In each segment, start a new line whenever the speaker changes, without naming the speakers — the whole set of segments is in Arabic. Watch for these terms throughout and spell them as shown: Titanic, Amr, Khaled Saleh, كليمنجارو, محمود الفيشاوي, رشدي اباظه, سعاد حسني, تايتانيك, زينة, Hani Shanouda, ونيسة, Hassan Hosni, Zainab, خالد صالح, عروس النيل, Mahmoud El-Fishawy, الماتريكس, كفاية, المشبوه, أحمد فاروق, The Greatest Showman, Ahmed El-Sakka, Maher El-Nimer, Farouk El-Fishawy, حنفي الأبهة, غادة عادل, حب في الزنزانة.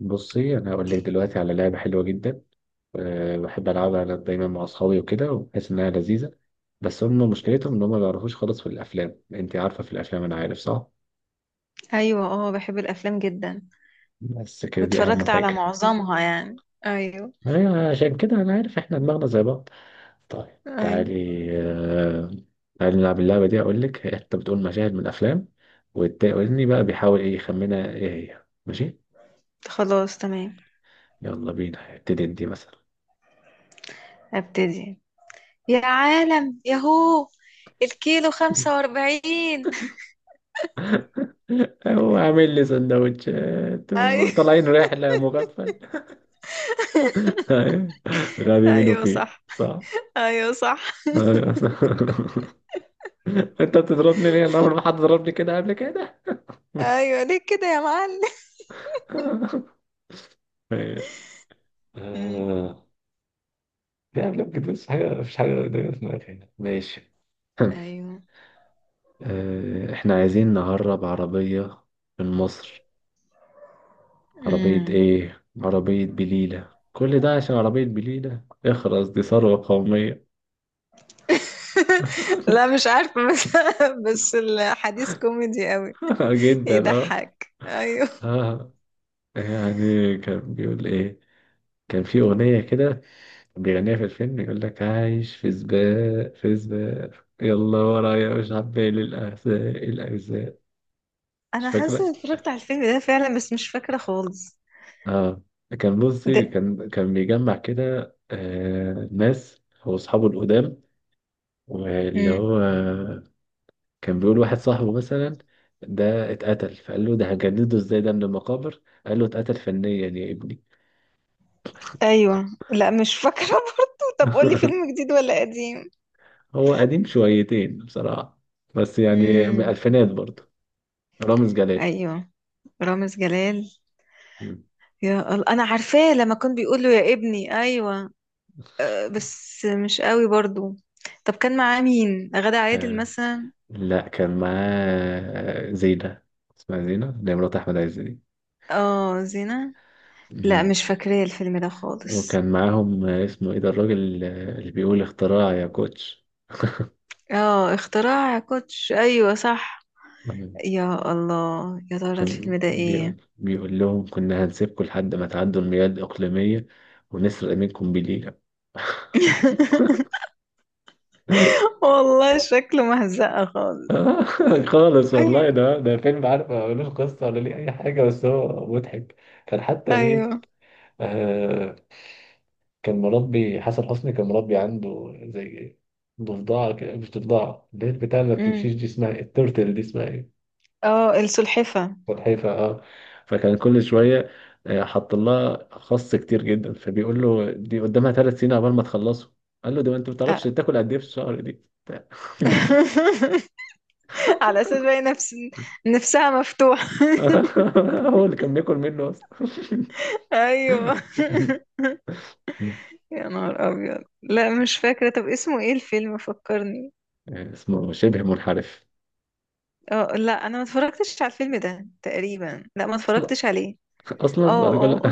بصي انا هقول لك دلوقتي على لعبه حلوه جدا. بحب العبها انا دايما مع اصحابي وكده وبحس انها لذيذه. بس هم مشكلتهم ان هم ما بيعرفوش خالص في الافلام. انت عارفه في الافلام انا عارف صح.
ايوه، اه، بحب الافلام جدا.
بس كده دي
واتفرجت
اهم
على
حاجه.
معظمها يعني. ايوه.
ايوه عشان كده انا عارف احنا دماغنا زي بعض. طيب
ايوه.
تعالي. أه تعالي نلعب اللعبه دي اقول لك. انت بتقول مشاهد من افلام، والتاني بقى بيحاول ايه يخمنها، ايه هي؟ ماشي.
خلاص تمام.
يلا بينا، ابتدي انت مثلا.
ابتدي، يا عالم ياهو، الكيلو 45.
هو عامل لي سندوتشات
ايوه.
وطالعين رحلة مغفل. أيوة. غبي منه،
ايوه
فيه
صح.
صح.
ايوه صح.
أيوة. انت بتضربني ليه؟ انا عمري ما حد ضربني كده قبل كده.
ايوه، ليه كده يا معلم؟
ماشي.
أمم،
آه. يعني لا بجد مفيش حاجة، مفيش حاجة دايما في دماغي هنا. ماشي.
ايوه.
احنا عايزين نهرب عربية من مصر. عربية
أمم.
ايه؟ عربية بليلة. كل ده عشان عربية بليلة؟ اخرس، دي ثروة قومية.
لا مش عارفة، بس بس الحديث كوميدي قوي.
آه، جدا، اه.
يضحك ايوه.
اه يعني كان بيقول ايه؟ كان في اغنيه كده كان بيغنيها في الفيلم، يقول لك عايش في سباق، في سباق، يلا ورايا، مش عبالي الاحزاب، الاجزاء. مش
انا حاسة
فاكره.
إني اتفرجت على الفيلم ده فعلا، بس مش فاكرة خالص
اه كان، بصي، كان بيجمع كده ناس هو اصحابه القدام. واللي
ده.
هو كان بيقول واحد صاحبه مثلا ده اتقتل، فقال له ده هنجدده ازاي ده من المقابر؟ قال له اتقتل فنيا يا ابني.
ايوه، لا مش فاكره برضه. طب قولي، فيلم جديد ولا قديم؟
هو قديم شويتين بصراحة. بس يعني من
امم.
الألفينات برضه. رامز جلال.
ايوه، رامز جلال.
مم.
يا الله، انا عارفاه لما كان بيقول له يا ابني. ايوه، بس مش قوي برضه. طب كان معاه مين، غادة عادل
آه،
مثلا؟
لا كان معاه زينة. اسمها زينة، اللي هي مرات أحمد عز دي.
اه، زينة. لا
مم.
مش فاكراه الفيلم ده خالص.
وكان معاهم اسمه إيه ده الراجل اللي بيقول اختراع يا كوتش.
اه، اختراع كوتش، ايوه صح.
مم.
يا الله، يا ترى
كان
الفيلم ده ايه؟
بيقول لهم كنا هنسيبكم لحد ما تعدوا المياه الإقليمية ونسرق منكم بليلة.
والله شكله مهزقة خالص.
آه، خالص
ايوه.
والله. ده فيلم، عارف، ما ملوش قصة ولا ليه أي حاجة، بس هو مضحك. كان حتى إيه؟
ايوه،
آه كان مربي، حسن حسني كان مربي عنده زي ضفدعة كده. مش ضفدعة، اللي هي البتاع اللي ما بتمشيش دي، اسمها إيه؟ التورتل دي اسمها إيه؟
اه، السلحفة.
سلحفاة، أه. فكان كل شوية حط لها خس كتير جدا، فبيقول له دي قدامها ثلاث سنين عقبال ما تخلصه. قال له ده ما أنت ما بتعرفش
آه.
تاكل قد إيه في الشهر دي.
على اساس بقى، نفسها مفتوحة.
هو اللي كان بياكل منه أصلا.
ايوه يا نهار ابيض، لا مش فاكرة. طب اسمه ايه الفيلم، فكرني.
يعني اسمه شبه منحرف.
اه لا، انا ما اتفرجتش على الفيلم ده تقريبا، لا ما
اصلا،
اتفرجتش عليه.
اصلا بعد
اه
كل.
اه.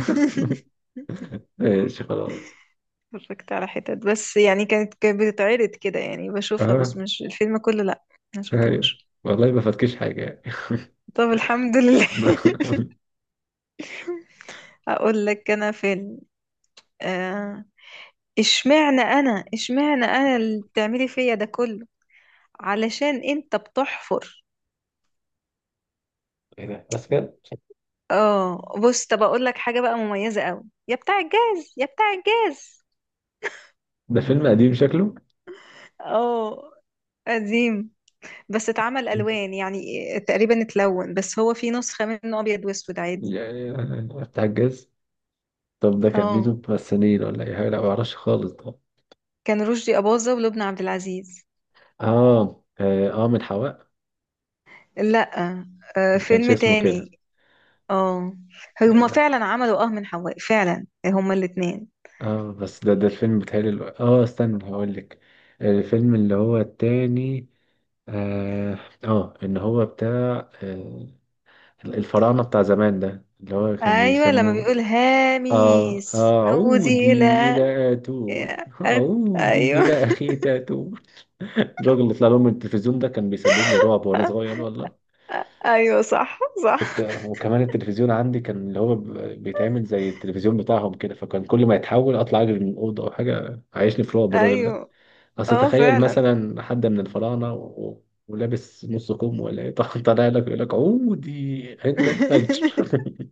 ماشي خلاص.
اتفرجت على حتت بس يعني. كانت بتتعرض كده يعني، بشوفها بس
اه
مش الفيلم كله، لا. ما
ايوه
شفتوش.
والله ما فاتكش حاجه يعني.
طب الحمد لله.
ما-
اقول لك انا فيلم. آه، اشمعنى انا، اشمعنى انا اللي بتعملي فيا ده كله، علشان انت بتحفر.
ايه ده بس كده؟
اه بص، طب اقول لك حاجه بقى مميزه قوي. يا بتاع الجاز، يا بتاع الجاز.
ده فيلم قديم شكله.
اه، قديم، بس اتعمل الوان يعني، تقريبا اتلون، بس هو في نسخه منه ابيض واسود عادي.
يعني بتاع الجاز. طب ده كان مين
اه،
ممثلين ولا اي حاجه؟ لا ما اعرفش خالص ده.
كان رشدي اباظه ولبنى عبد العزيز.
اه، اه، من حواء.
لا، آه،
ما كانش
فيلم
اسمه كده.
تاني. اه، هما
آه،
فعلا عملوا اه من حواء فعلا، هما الاتنين.
اه بس ده الفيلم، بتهيألي استنى هقول لك. الفيلم اللي هو التاني، اه ان هو بتاع الفراعنة بتاع زمان، ده اللي هو كان
ايوه، لما
بيسموه
بيقول
اه
هاميس
اعودي
عودي الى
الى اتون،
أغ-
اعودي
ايوه.
الى اخي تاتون. الراجل اللي طلع لهم من التلفزيون ده كان بيسبب لي رعب وانا صغير والله.
ايوه صح
كنت.
صح.
وكمان التلفزيون عندي كان اللي هو بيتعمل زي التلفزيون بتاعهم كده، فكان كل ما يتحول اطلع اجري من الاوضه او حاجه، عايشني في رعب الراجل ده.
ايوه،
اصل
اه
تخيل
فعلا.
مثلا حد من الفراعنه و ولابس نص كم ولا ايه، طالع لك يقول لك عودي عند الفجر.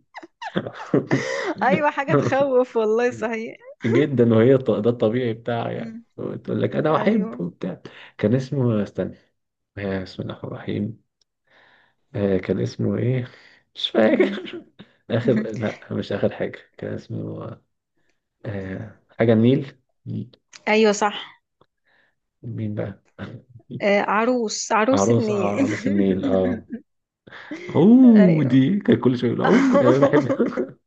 ايوه، حاجه تخوف والله صحيح.
جدا، وهي ده الطبيعي بتاعها يعني،
مم.
وتقول لك انا
ايوه.
احب وبتاع. كان اسمه، استنى، بسم الله الرحمن الرحيم، كان اسمه ايه؟ مش
مم.
فاكر. اخر. لا، مش اخر حاجه. كان اسمه حاجه النيل. مين؟
ايوه صح.
مين بقى؟
عروس عروس
عروس
النيل.
عروس النيل، اه.
ايوه.
عودي، كان كل شويه يقول عودي، انا بحب.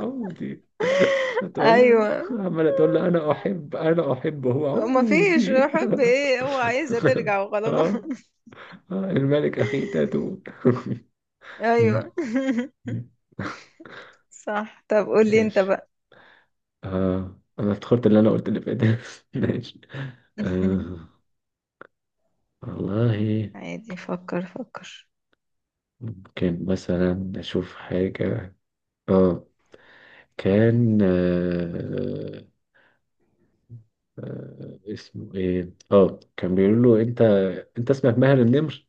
عودي. تقول له
ايوه،
عمال، تقول له انا احب، انا احب، هو
ما فيش
عودي.
حب، ايه هو عايزه ترجع وخلاص.
اه. الملك اخي تاتو. مم.
ايوه. صح، طب قولي انت
ماشي.
بقى.
انا افتكرت اللي انا قلت اللي فات. ماشي. آه والله
عادي، فكر فكر.
ممكن مثلا نشوف حاجة. اه كان، اسمه ايه، كان بيقول له انت اسمك ماهر النمر.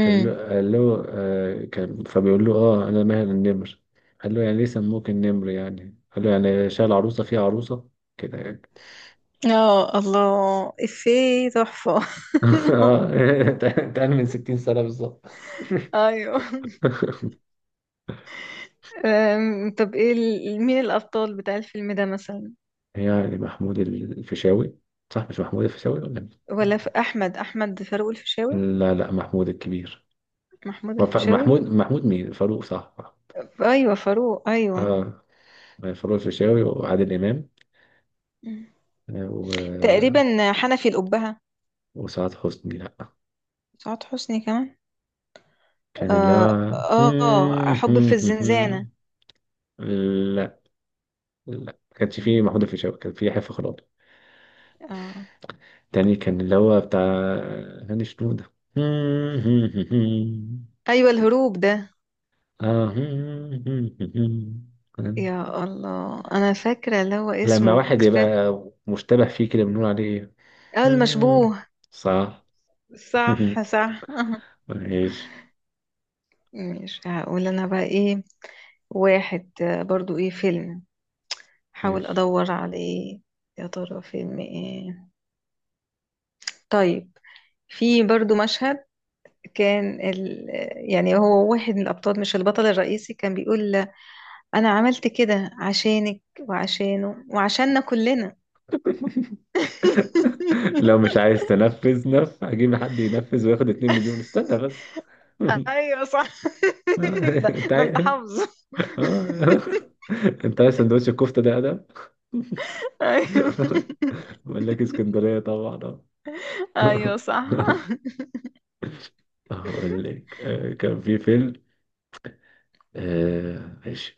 قال له قال له كان، فبيقول له انا ماهر النمر. قال له يعني ليه سموك النمر يعني؟ قال له يعني شال عروسه في عروسه كده يعني.
اه الله، افيه تحفة.
اه. اتقال من 60 سنه بالظبط.
ايوه. طب ايه مين الأبطال بتاع الفيلم ده مثلا؟
يعني محمود الفيشاوي. صح مش محمود الفيشاوي ولا مين؟
ولا في أحمد فاروق الفيشاوي.
لا لا، محمود الكبير.
محمود الفيشاوي.
محمود مين؟ فاروق، صح.
أيوة فاروق، أيوة.
اه، فاروق الفيشاوي وعادل امام.
مم.
آه، و...
تقريبا حنفي الأبهة.
وسعاد حسني، لا.
سعاد حسني كمان.
كان اللي هو.
حب في الزنزانة.
لا لا، ما كانش فيه
مم.
محمود الفيشاوي، كان فيه حفة خلاص.
آه.
تاني كان اللي هو بتاع هاني شنودة.
أيوة، الهروب ده.
آه.
يا الله، انا فاكره اللي هو
لما
اسمه
واحد يبقى
كفايه.
مشتبه فيه كده بنقول عليه
اه،
ايه؟
المشبوه.
صح.
صح صح. أها.
ماشي،
مش هقول انا بقى ايه. واحد، برضو ايه فيلم، حاول
ماشي.
ادور على ايه، يا ترى فيلم ايه. طيب، في برضو مشهد. كان ال... يعني هو واحد من الابطال، مش البطل الرئيسي، كان بيقول: انا عملت كده عشانك وعشانه وعشاننا كلنا.
لو مش عايز تنفذ هجيب حد ينفذ وياخد 2 مليون، استنى بس.
ايوه صح. ده,
انت
ده
عايز؟
انت حافظه.
آه. انت عايز سندوتش الكفته ده، ادم.
ايوه.
اقول لك اسكندريه، طبعا آه.
ايوه صح.
اقول لك كان في فيلم، ماشي،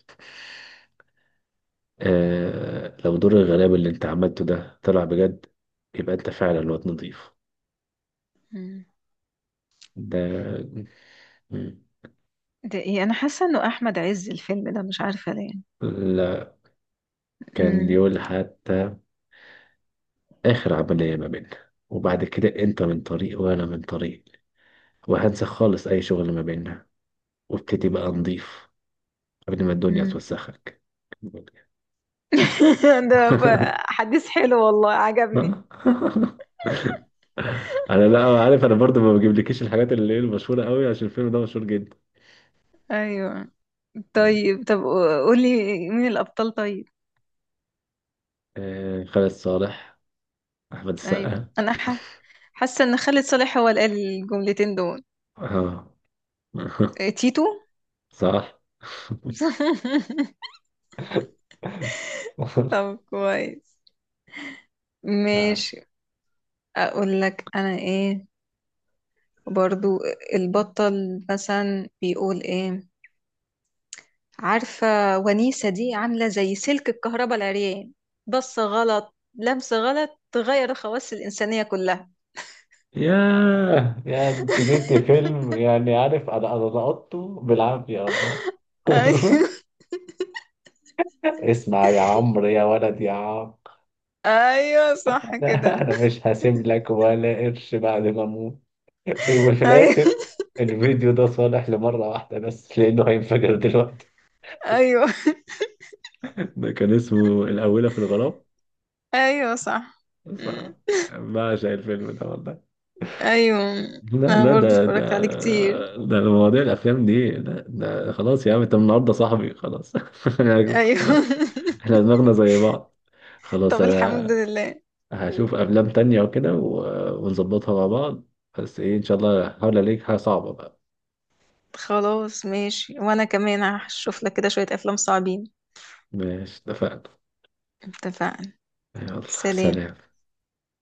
لو دور الغلابه اللي انت عملته ده طلع بجد، يبقى انت فعلا واد نضيف،
مم.
ده. مم.
ده ايه، انا حاسه انه احمد عز الفيلم ده، مش عارفه ليه.
لا، كان
مم.
بيقول حتى اخر عمليه ما بيننا، وبعد كده انت من طريق وانا من طريق، وهنسى خالص اي شغل ما بيننا، وابتدي بقى نضيف قبل ما الدنيا
مم.
توسخك.
حديث حلو والله عجبني.
انا لا عارف، انا برضو ما بجيبلكيش الحاجات اللي هي المشهوره قوي، عشان الفيلم ده مشهور جدا.
ايوه. طيب طب قولي، مين الابطال طيب.
خالد صالح، احمد
ايوه،
السقا.
حاسه ان خالد صالح هو اللي قال الجملتين دول.
اه.
إيه، تيتو.
صح.
طب كويس،
آه.
ماشي. اقول لك انا ايه، برضو البطل مثلا بيقول ايه، عارفة. ونيسة دي عاملة زي سلك الكهرباء العريان، بص غلط لمس غلط تغير الخواص الإنسانية كلها.
ياه، يا انت جبت فيلم يعني، عارف، انا لقطته بالعافيه والله.
ايوه.
اسمع يا عمرو يا ولد يا عم.
ايوه صح كده.
انا مش هسيب لك ولا قرش بعد ما اموت. وفي
ايوه.
الاخر الفيديو ده صالح لمره واحده بس، لانه هينفجر دلوقتي.
ايوه.
ده كان اسمه الاولى في الغرام.
ايوه صح.
بص،
أمم،
بعشق الفيلم ده والله.
ايوه.
لا
انا
لا،
برضو
ده ده
اتفرجت عليه كتير.
ده مواضيع الافلام دي. لا ده خلاص، يا عم انت من النهارده صاحبي، خلاص.
ايوه.
احنا دماغنا زي بعض. خلاص،
طب الحمد
انا
لله. أمم،
هشوف افلام تانية وكده، ونظبطها مع بعض. بس ايه، ان شاء الله هحاول الاقيها صعبة بقى.
خلاص ماشي، وانا كمان هشوف لك كده شوية افلام صعبين.
ماشي، اتفقنا.
اتفقنا.
يلا
سلام.
سلام.